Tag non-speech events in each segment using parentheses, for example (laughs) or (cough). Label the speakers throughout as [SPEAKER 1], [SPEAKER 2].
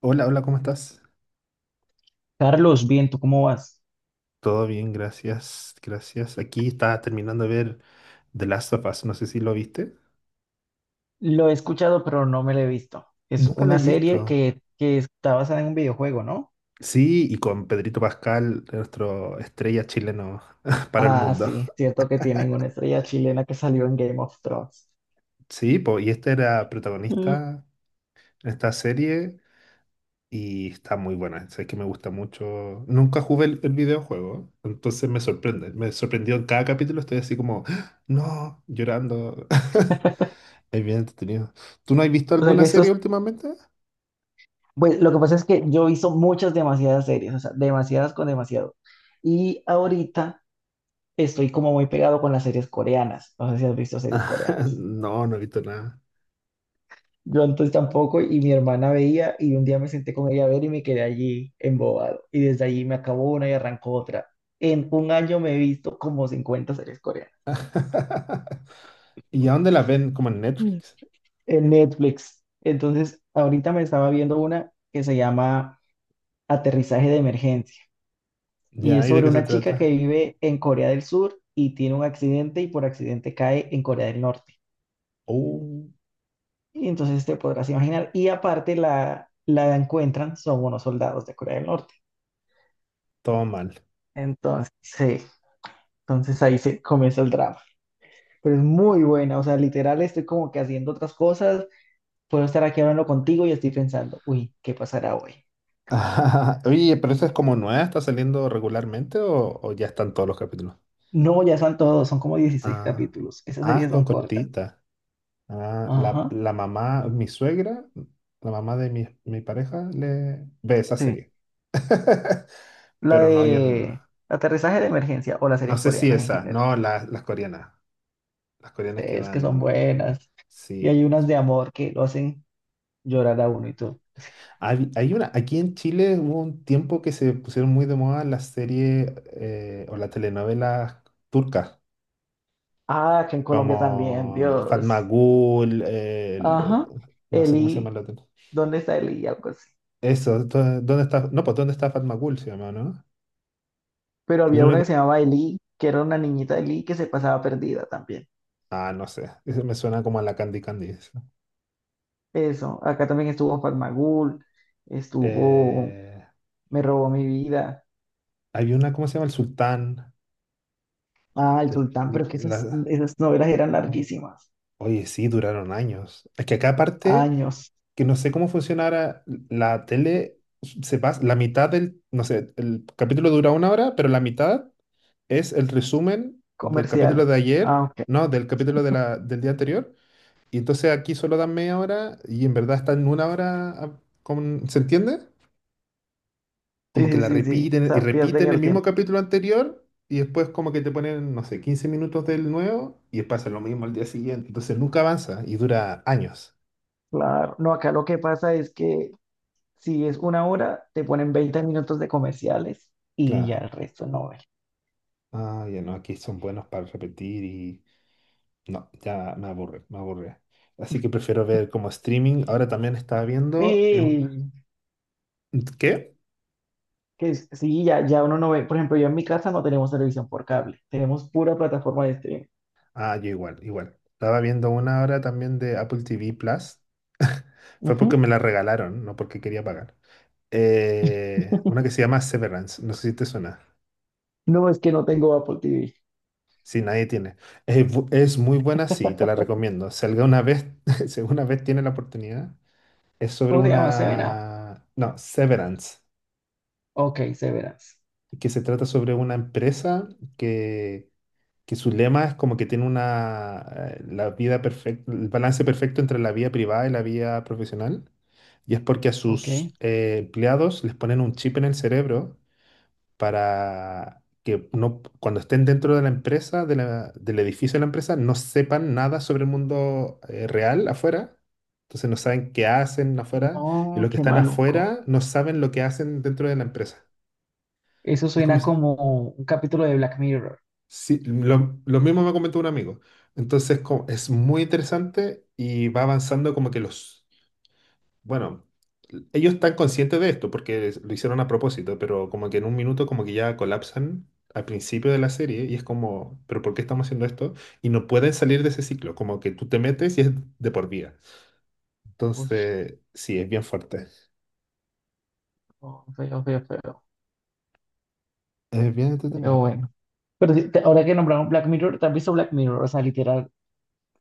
[SPEAKER 1] Hola, hola, ¿cómo estás?
[SPEAKER 2] Carlos, bien, ¿tú cómo vas?
[SPEAKER 1] Todo bien, gracias, gracias. Aquí estaba terminando de ver The Last of Us, no sé si lo viste.
[SPEAKER 2] Lo he escuchado, pero no me lo he visto. Es
[SPEAKER 1] Nunca la he
[SPEAKER 2] una serie
[SPEAKER 1] visto.
[SPEAKER 2] que está basada en un videojuego, ¿no?
[SPEAKER 1] Sí, y con Pedrito Pascal, nuestro estrella chileno (laughs) para el
[SPEAKER 2] Ah,
[SPEAKER 1] mundo.
[SPEAKER 2] sí, cierto que tienen una estrella chilena que salió en Game of Thrones.
[SPEAKER 1] Sí, po, y este era
[SPEAKER 2] Mm,
[SPEAKER 1] protagonista en esta serie y está muy buena. Sé que me gusta mucho. Nunca jugué el videojuego, entonces me sorprende. Me sorprendió en cada capítulo, estoy así como, (gasps) ¡Ah! No, llorando. (laughs) Es bien entretenido. ¿Tú no has visto
[SPEAKER 2] O sea
[SPEAKER 1] alguna
[SPEAKER 2] que
[SPEAKER 1] serie últimamente?
[SPEAKER 2] pues lo que pasa es que yo he visto muchas, demasiadas series, o sea, demasiadas con demasiado. Y ahorita estoy como muy pegado con las series coreanas. No sé si has visto series
[SPEAKER 1] (laughs)
[SPEAKER 2] coreanas.
[SPEAKER 1] No, no he visto nada.
[SPEAKER 2] Yo antes tampoco y mi hermana veía y un día me senté con ella a ver y me quedé allí embobado. Y desde allí me acabó una y arrancó otra. En un año me he visto como 50 series coreanas.
[SPEAKER 1] (laughs) ¿Y a dónde la ven? Como en
[SPEAKER 2] Mm.
[SPEAKER 1] Netflix.
[SPEAKER 2] En Netflix. Entonces, ahorita me estaba viendo una que se llama Aterrizaje de Emergencia, y
[SPEAKER 1] Ya,
[SPEAKER 2] es
[SPEAKER 1] ¿y de
[SPEAKER 2] sobre
[SPEAKER 1] qué se
[SPEAKER 2] una chica que
[SPEAKER 1] trata?
[SPEAKER 2] vive en Corea del Sur y tiene un accidente y por accidente cae en Corea del Norte.
[SPEAKER 1] Uh,
[SPEAKER 2] Y entonces te podrás imaginar. Y aparte la encuentran, son unos soldados de Corea del Norte.
[SPEAKER 1] todo mal.
[SPEAKER 2] Entonces, sí, entonces ahí se comienza el drama. Pero es muy buena, o sea, literal estoy como que haciendo otras cosas, puedo estar aquí hablando contigo y estoy pensando, uy, ¿qué pasará hoy?
[SPEAKER 1] (laughs) Oye, pero esa es como nueva, ¿está saliendo regularmente o ya están todos los capítulos?
[SPEAKER 2] No, ya son todos, son como 16
[SPEAKER 1] Ah,
[SPEAKER 2] capítulos. Esas
[SPEAKER 1] ah,
[SPEAKER 2] series
[SPEAKER 1] con
[SPEAKER 2] son cortas.
[SPEAKER 1] cortita. Ah, la,
[SPEAKER 2] Ajá.
[SPEAKER 1] la mamá, mi suegra, la mamá de mi pareja, le ve esa
[SPEAKER 2] Sí.
[SPEAKER 1] serie. (laughs)
[SPEAKER 2] La
[SPEAKER 1] Pero no, yo
[SPEAKER 2] de
[SPEAKER 1] no,
[SPEAKER 2] Aterrizaje de Emergencia o las
[SPEAKER 1] no
[SPEAKER 2] series
[SPEAKER 1] sé si
[SPEAKER 2] coreanas en
[SPEAKER 1] esa,
[SPEAKER 2] general.
[SPEAKER 1] no, las coreanas. Las coreanas que
[SPEAKER 2] Es que son
[SPEAKER 1] dan,
[SPEAKER 2] buenas. Y hay
[SPEAKER 1] sí.
[SPEAKER 2] unas de amor que lo hacen llorar a uno y todo.
[SPEAKER 1] Hay una, aquí en Chile hubo un tiempo que se pusieron muy de moda las series o las telenovelas turcas,
[SPEAKER 2] Ah, que en Colombia también,
[SPEAKER 1] como Fatma
[SPEAKER 2] Dios.
[SPEAKER 1] Gul,
[SPEAKER 2] Ajá.
[SPEAKER 1] no sé cómo se
[SPEAKER 2] Eli,
[SPEAKER 1] llama la otra.
[SPEAKER 2] ¿dónde está Eli? Algo así.
[SPEAKER 1] Eso, ¿dónde está? No, pues ¿dónde está Fatma Gul? Se llama, ¿no?
[SPEAKER 2] Pero
[SPEAKER 1] El
[SPEAKER 2] había una
[SPEAKER 1] único.
[SPEAKER 2] que se llamaba Eli, que era una niñita de Eli que se pasaba perdida también.
[SPEAKER 1] Ah, no sé. Eso me suena como a la Candy Candy, eso.
[SPEAKER 2] Eso, acá también estuvo Farmagul, estuvo
[SPEAKER 1] Eh,
[SPEAKER 2] Me robó mi vida.
[SPEAKER 1] había una, ¿cómo se llama? El Sultán.
[SPEAKER 2] Ah, El
[SPEAKER 1] de-
[SPEAKER 2] Sultán, pero es que esas,
[SPEAKER 1] la-
[SPEAKER 2] esas novelas eran larguísimas,
[SPEAKER 1] oye, sí, duraron años. Es que acá aparte.
[SPEAKER 2] años,
[SPEAKER 1] Que no sé cómo funcionara la tele, se pasa la mitad del, no sé, el capítulo dura una hora, pero la mitad es el resumen del capítulo
[SPEAKER 2] comerciales.
[SPEAKER 1] de
[SPEAKER 2] Ah,
[SPEAKER 1] ayer,
[SPEAKER 2] ok.
[SPEAKER 1] no, del capítulo de del día anterior, y entonces aquí solo dan media hora y en verdad están una hora, ¿se entiende?
[SPEAKER 2] Sí,
[SPEAKER 1] Como que
[SPEAKER 2] sí,
[SPEAKER 1] la
[SPEAKER 2] sí, sí, o
[SPEAKER 1] repiten y
[SPEAKER 2] sea, pierden
[SPEAKER 1] repiten el
[SPEAKER 2] el
[SPEAKER 1] mismo
[SPEAKER 2] tiempo.
[SPEAKER 1] capítulo anterior. Y después como que te ponen, no sé, 15 minutos del nuevo y pasa lo mismo al día siguiente. Entonces nunca avanza y dura años.
[SPEAKER 2] Claro, no, acá lo que pasa es que si es una hora, te ponen 20 minutos de comerciales y ya
[SPEAKER 1] Claro.
[SPEAKER 2] el resto no.
[SPEAKER 1] Ah, ya no, aquí son buenos para repetir y no, ya me aburre, me aburre. Así que prefiero ver como streaming. Ahora también estaba viendo. ¿Qué?
[SPEAKER 2] Sí, ya, ya uno no ve. Por ejemplo, yo en mi casa no tenemos televisión por cable. Tenemos pura plataforma de streaming.
[SPEAKER 1] Ah, yo igual, igual. Estaba viendo una hora también de Apple TV Plus. (laughs) Fue porque
[SPEAKER 2] Ujú.
[SPEAKER 1] me la regalaron, no porque quería pagar. Una que
[SPEAKER 2] (laughs)
[SPEAKER 1] se llama Severance, no sé si te suena.
[SPEAKER 2] No es que no tengo Apple TV.
[SPEAKER 1] Si nadie tiene. Es muy buena, sí, te la
[SPEAKER 2] (laughs)
[SPEAKER 1] recomiendo. Si alguna vez, (laughs) si alguna vez tiene la oportunidad, es sobre
[SPEAKER 2] ¿Cómo se llama? Seven Up.
[SPEAKER 1] una. No, Severance.
[SPEAKER 2] Ok, Seven Up.
[SPEAKER 1] Que se trata sobre una empresa que, que su lema es como que tiene la vida perfecta, el balance perfecto entre la vida privada y la vida profesional. Y es porque a sus
[SPEAKER 2] Ok.
[SPEAKER 1] empleados les ponen un chip en el cerebro para que no, cuando estén dentro de la empresa, del edificio de la empresa, no sepan nada sobre el mundo real afuera. Entonces no saben qué hacen afuera y
[SPEAKER 2] No,
[SPEAKER 1] los que
[SPEAKER 2] qué
[SPEAKER 1] están
[SPEAKER 2] maluco.
[SPEAKER 1] afuera no saben lo que hacen dentro de la empresa.
[SPEAKER 2] Eso
[SPEAKER 1] Es como,
[SPEAKER 2] suena como un capítulo de Black Mirror.
[SPEAKER 1] sí, lo mismo me comentó un amigo. Entonces, es muy interesante y va avanzando como que bueno, ellos están conscientes de esto porque lo hicieron a propósito, pero como que en un minuto como que ya colapsan al principio de la serie y es como, pero ¿por qué estamos haciendo esto? Y no pueden salir de ese ciclo, como que tú te metes y es de por vida.
[SPEAKER 2] Uy,
[SPEAKER 1] Entonces, sí, es bien fuerte.
[SPEAKER 2] no, feo, feo, feo.
[SPEAKER 1] Es bien
[SPEAKER 2] Pero
[SPEAKER 1] entretenido.
[SPEAKER 2] bueno. Pero sí, ahora que nombraron Black Mirror, ¿te has visto Black Mirror? O sea, literal,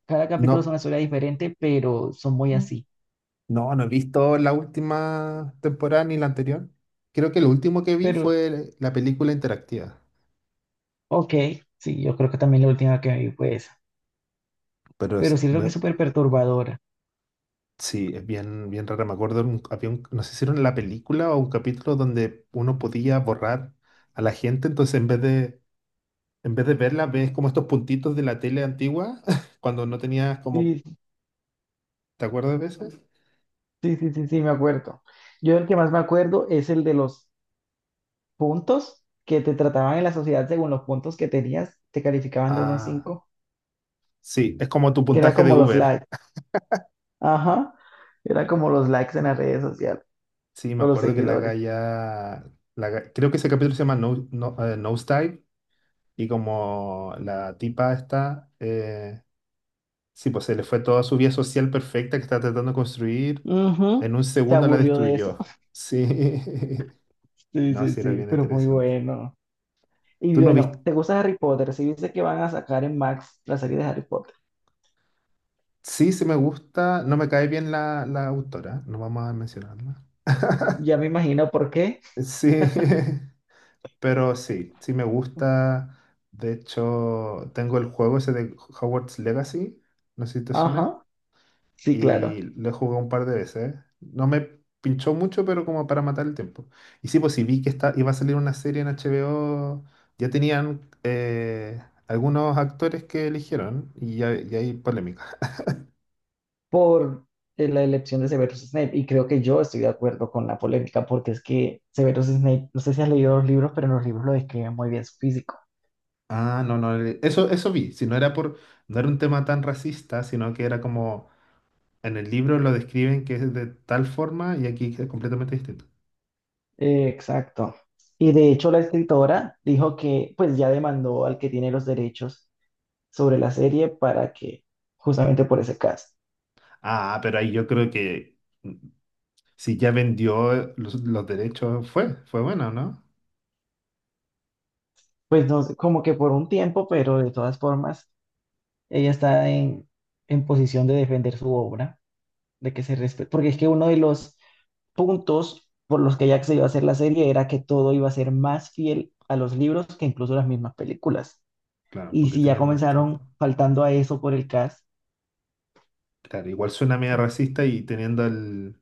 [SPEAKER 2] cada capítulo es
[SPEAKER 1] No.
[SPEAKER 2] una historia diferente, pero son muy así.
[SPEAKER 1] No, no he visto la última temporada ni la anterior. Creo que lo último que vi
[SPEAKER 2] Pero,
[SPEAKER 1] fue la película interactiva.
[SPEAKER 2] ok, sí, yo creo que también la última que vi fue esa.
[SPEAKER 1] Pero
[SPEAKER 2] Pero
[SPEAKER 1] es-
[SPEAKER 2] siento que
[SPEAKER 1] me-
[SPEAKER 2] es súper perturbadora.
[SPEAKER 1] sí, es bien, bien rara. Me acuerdo, había no sé si era en la película o un capítulo donde uno podía borrar a la gente. Entonces, en vez de verla, ves como estos puntitos de la tele antigua, (laughs) cuando no tenías como,
[SPEAKER 2] Sí,
[SPEAKER 1] ¿te acuerdas de eso?
[SPEAKER 2] sí, sí, sí, sí, me acuerdo. Yo el que más me acuerdo es el de los puntos que te trataban en la sociedad según los puntos que tenías, te calificaban de uno a
[SPEAKER 1] Ah,
[SPEAKER 2] cinco,
[SPEAKER 1] sí, es como tu
[SPEAKER 2] que era
[SPEAKER 1] puntaje de
[SPEAKER 2] como los
[SPEAKER 1] Uber.
[SPEAKER 2] likes. Ajá, era como los likes en las redes sociales
[SPEAKER 1] Sí, me
[SPEAKER 2] o los
[SPEAKER 1] acuerdo que la
[SPEAKER 2] seguidores.
[SPEAKER 1] galla, la ga- creo que ese capítulo se llama No, No, Nosedive. Y como la tipa está, sí, pues se le fue toda su vida social perfecta que estaba tratando de construir,
[SPEAKER 2] Ujú,
[SPEAKER 1] en un
[SPEAKER 2] se
[SPEAKER 1] segundo la
[SPEAKER 2] aburrió de eso.
[SPEAKER 1] destruyó.
[SPEAKER 2] (laughs)
[SPEAKER 1] Sí, (laughs)
[SPEAKER 2] Sí,
[SPEAKER 1] no,
[SPEAKER 2] sí,
[SPEAKER 1] sí, era
[SPEAKER 2] sí,
[SPEAKER 1] bien
[SPEAKER 2] pero muy
[SPEAKER 1] interesante.
[SPEAKER 2] bueno. Y
[SPEAKER 1] ¿Tú no
[SPEAKER 2] bueno,
[SPEAKER 1] viste?
[SPEAKER 2] ¿te gusta Harry Potter? Si viste que van a sacar en Max la serie de Harry Potter,
[SPEAKER 1] Sí, sí me gusta, no me cae bien la autora, no vamos a mencionarla. (laughs)
[SPEAKER 2] ya me imagino por qué.
[SPEAKER 1] Sí, (laughs) pero sí, sí me gusta. De hecho, tengo el juego ese de Hogwarts Legacy, no sé si te suena.
[SPEAKER 2] Ajá, sí,
[SPEAKER 1] Y
[SPEAKER 2] claro.
[SPEAKER 1] lo he jugado un par de veces. No me pinchó mucho, pero como para matar el tiempo. Y sí, pues sí vi que está, iba a salir una serie en HBO, ya tenían algunos actores que eligieron y hay polémica.
[SPEAKER 2] Por la elección de Severus Snape. Y creo que yo estoy de acuerdo con la polémica, porque es que Severus Snape, no sé si has leído los libros, pero en los libros lo describen muy bien su físico.
[SPEAKER 1] Ah, no, no, eso, eso vi. Si no era por, no era un tema tan racista, sino que era como en el libro lo describen que es de tal forma y aquí es completamente distinto.
[SPEAKER 2] Exacto. Y de hecho la escritora dijo que pues ya demandó al que tiene los derechos sobre la serie para que, justamente por ese caso,
[SPEAKER 1] Ah, pero ahí yo creo que si ya vendió los derechos, fue bueno, ¿no?
[SPEAKER 2] pues no sé, como que por un tiempo, pero de todas formas, ella está en posición de defender su obra. De que se respete, porque es que uno de los puntos por los que Jack se iba a hacer la serie era que todo iba a ser más fiel a los libros que incluso las mismas películas.
[SPEAKER 1] Claro,
[SPEAKER 2] Y
[SPEAKER 1] porque
[SPEAKER 2] si ya
[SPEAKER 1] tienen más
[SPEAKER 2] comenzaron
[SPEAKER 1] tiempo.
[SPEAKER 2] faltando a eso por el cast.
[SPEAKER 1] Claro, igual suena medio racista y teniendo el,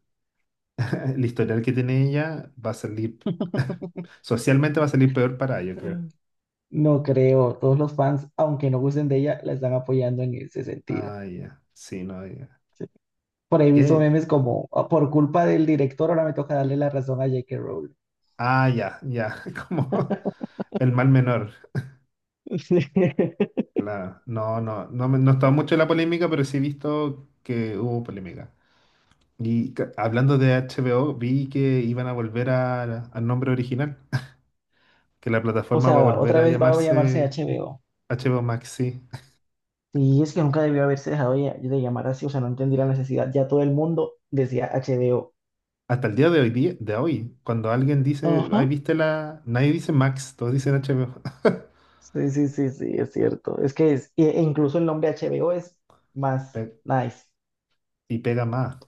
[SPEAKER 1] (laughs) el historial que tiene ella, va a salir,
[SPEAKER 2] (laughs)
[SPEAKER 1] (laughs) socialmente va a salir peor para ella, creo.
[SPEAKER 2] No creo. Todos los fans, aunque no gusten de ella, la están apoyando en ese sentido.
[SPEAKER 1] Ah, ya, sí, no, ya.
[SPEAKER 2] Por ahí he visto
[SPEAKER 1] ¿Qué?
[SPEAKER 2] memes como, "Ah, por culpa del director, ahora me toca darle la razón a J.K. Rowling."
[SPEAKER 1] Ah, ya, ya, (laughs) como el mal menor.
[SPEAKER 2] (laughs)
[SPEAKER 1] Claro, no, no, no, no he estado mucho en la polémica, pero sí he visto que hubo polémica. Y hablando de HBO, vi que iban a volver al nombre original, que la
[SPEAKER 2] O
[SPEAKER 1] plataforma va a
[SPEAKER 2] sea,
[SPEAKER 1] volver
[SPEAKER 2] otra
[SPEAKER 1] a
[SPEAKER 2] vez va a llamarse
[SPEAKER 1] llamarse
[SPEAKER 2] HBO.
[SPEAKER 1] HBO Max, sí.
[SPEAKER 2] Sí, es que nunca debió haberse dejado de llamar así, o sea, no entendí la necesidad. Ya todo el mundo decía HBO.
[SPEAKER 1] Hasta el día de hoy, de hoy, cuando alguien dice,
[SPEAKER 2] Ajá.
[SPEAKER 1] ay, viste la. Nadie dice Max, todos dicen HBO. (laughs)
[SPEAKER 2] Sí, sí, sí, sí, es cierto. Es que es, e incluso el nombre HBO es más
[SPEAKER 1] Pe-
[SPEAKER 2] nice.
[SPEAKER 1] y pega más.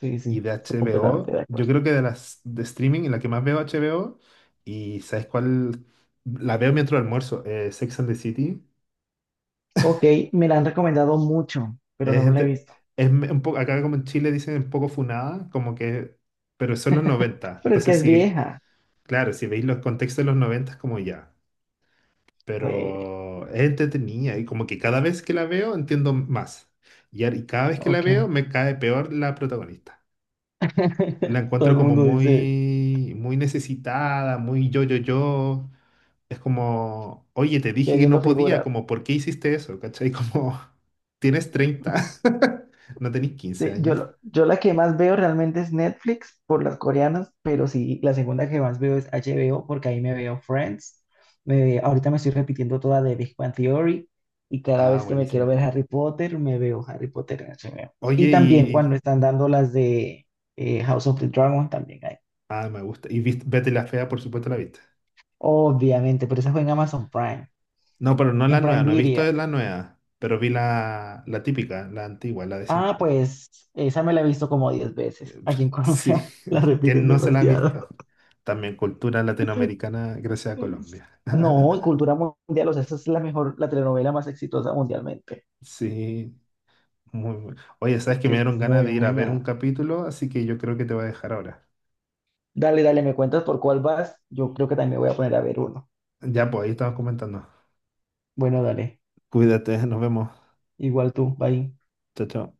[SPEAKER 2] Sí,
[SPEAKER 1] Y
[SPEAKER 2] sí,
[SPEAKER 1] de
[SPEAKER 2] estoy completamente
[SPEAKER 1] HBO,
[SPEAKER 2] de
[SPEAKER 1] yo
[SPEAKER 2] acuerdo.
[SPEAKER 1] creo que de las de streaming, la que más veo HBO, y ¿sabes cuál? La veo mientras almuerzo, Sex and the City.
[SPEAKER 2] Ok, me la han recomendado mucho, pero
[SPEAKER 1] Es,
[SPEAKER 2] no me la he
[SPEAKER 1] gente,
[SPEAKER 2] visto.
[SPEAKER 1] es un poco, acá como en Chile dicen un poco funada, como que, pero son los noventa.
[SPEAKER 2] Pero es que
[SPEAKER 1] Entonces,
[SPEAKER 2] es
[SPEAKER 1] sí,
[SPEAKER 2] vieja.
[SPEAKER 1] claro, si veis los contextos de los 90 es como ya.
[SPEAKER 2] Oye,
[SPEAKER 1] Pero es entretenida y como que cada vez que la veo entiendo más. Y cada vez que la
[SPEAKER 2] ok.
[SPEAKER 1] veo me cae peor la protagonista. La
[SPEAKER 2] (laughs) Todo
[SPEAKER 1] encuentro
[SPEAKER 2] el
[SPEAKER 1] como
[SPEAKER 2] mundo dice,
[SPEAKER 1] muy, muy necesitada, muy yo, yo, yo. Es como, oye, te dije que
[SPEAKER 2] queriendo
[SPEAKER 1] no podía,
[SPEAKER 2] figurar.
[SPEAKER 1] como, ¿por qué hiciste eso? ¿Cachai? Como, (laughs) tienes 30, (laughs) no tenés 15
[SPEAKER 2] Sí, yo,
[SPEAKER 1] años.
[SPEAKER 2] yo la que más veo realmente es Netflix por las coreanas, pero sí, la segunda que más veo es HBO porque ahí me veo Friends. Ahorita me estoy repitiendo toda de Big Bang Theory y cada
[SPEAKER 1] Ah,
[SPEAKER 2] vez que me quiero ver
[SPEAKER 1] buenísima.
[SPEAKER 2] Harry Potter, me veo Harry Potter en HBO. Y
[SPEAKER 1] Oye,
[SPEAKER 2] también
[SPEAKER 1] y.
[SPEAKER 2] cuando están dando las de House of the Dragon también hay.
[SPEAKER 1] Ah, me gusta. Y Betty la Fea, por supuesto, la viste.
[SPEAKER 2] Obviamente, pero esa fue en Amazon Prime,
[SPEAKER 1] No, pero no la
[SPEAKER 2] en
[SPEAKER 1] nueva,
[SPEAKER 2] Prime
[SPEAKER 1] no he visto
[SPEAKER 2] Video.
[SPEAKER 1] la nueva, pero vi la típica, la antigua, la de
[SPEAKER 2] Ah,
[SPEAKER 1] siempre.
[SPEAKER 2] pues esa me la he visto como 10 veces. Aquí en
[SPEAKER 1] Sí,
[SPEAKER 2] Colombia (laughs) la
[SPEAKER 1] (laughs) ¿quién
[SPEAKER 2] repiten
[SPEAKER 1] no se la ha
[SPEAKER 2] demasiado.
[SPEAKER 1] visto? También cultura latinoamericana gracias a Colombia.
[SPEAKER 2] No,
[SPEAKER 1] (laughs)
[SPEAKER 2] cultura mundial, o sea, esa es la mejor, la telenovela más exitosa mundialmente.
[SPEAKER 1] Sí, muy bueno. Oye, sabes
[SPEAKER 2] Es
[SPEAKER 1] que
[SPEAKER 2] que
[SPEAKER 1] me
[SPEAKER 2] es
[SPEAKER 1] dieron ganas
[SPEAKER 2] muy
[SPEAKER 1] de ir a ver un
[SPEAKER 2] buena.
[SPEAKER 1] capítulo, así que yo creo que te voy a dejar ahora.
[SPEAKER 2] Dale, dale, me cuentas por cuál vas. Yo creo que también me voy a poner a ver uno.
[SPEAKER 1] Ya, pues ahí estamos comentando.
[SPEAKER 2] Bueno, dale.
[SPEAKER 1] Cuídate, nos vemos.
[SPEAKER 2] Igual tú, bye.
[SPEAKER 1] Chao, chao.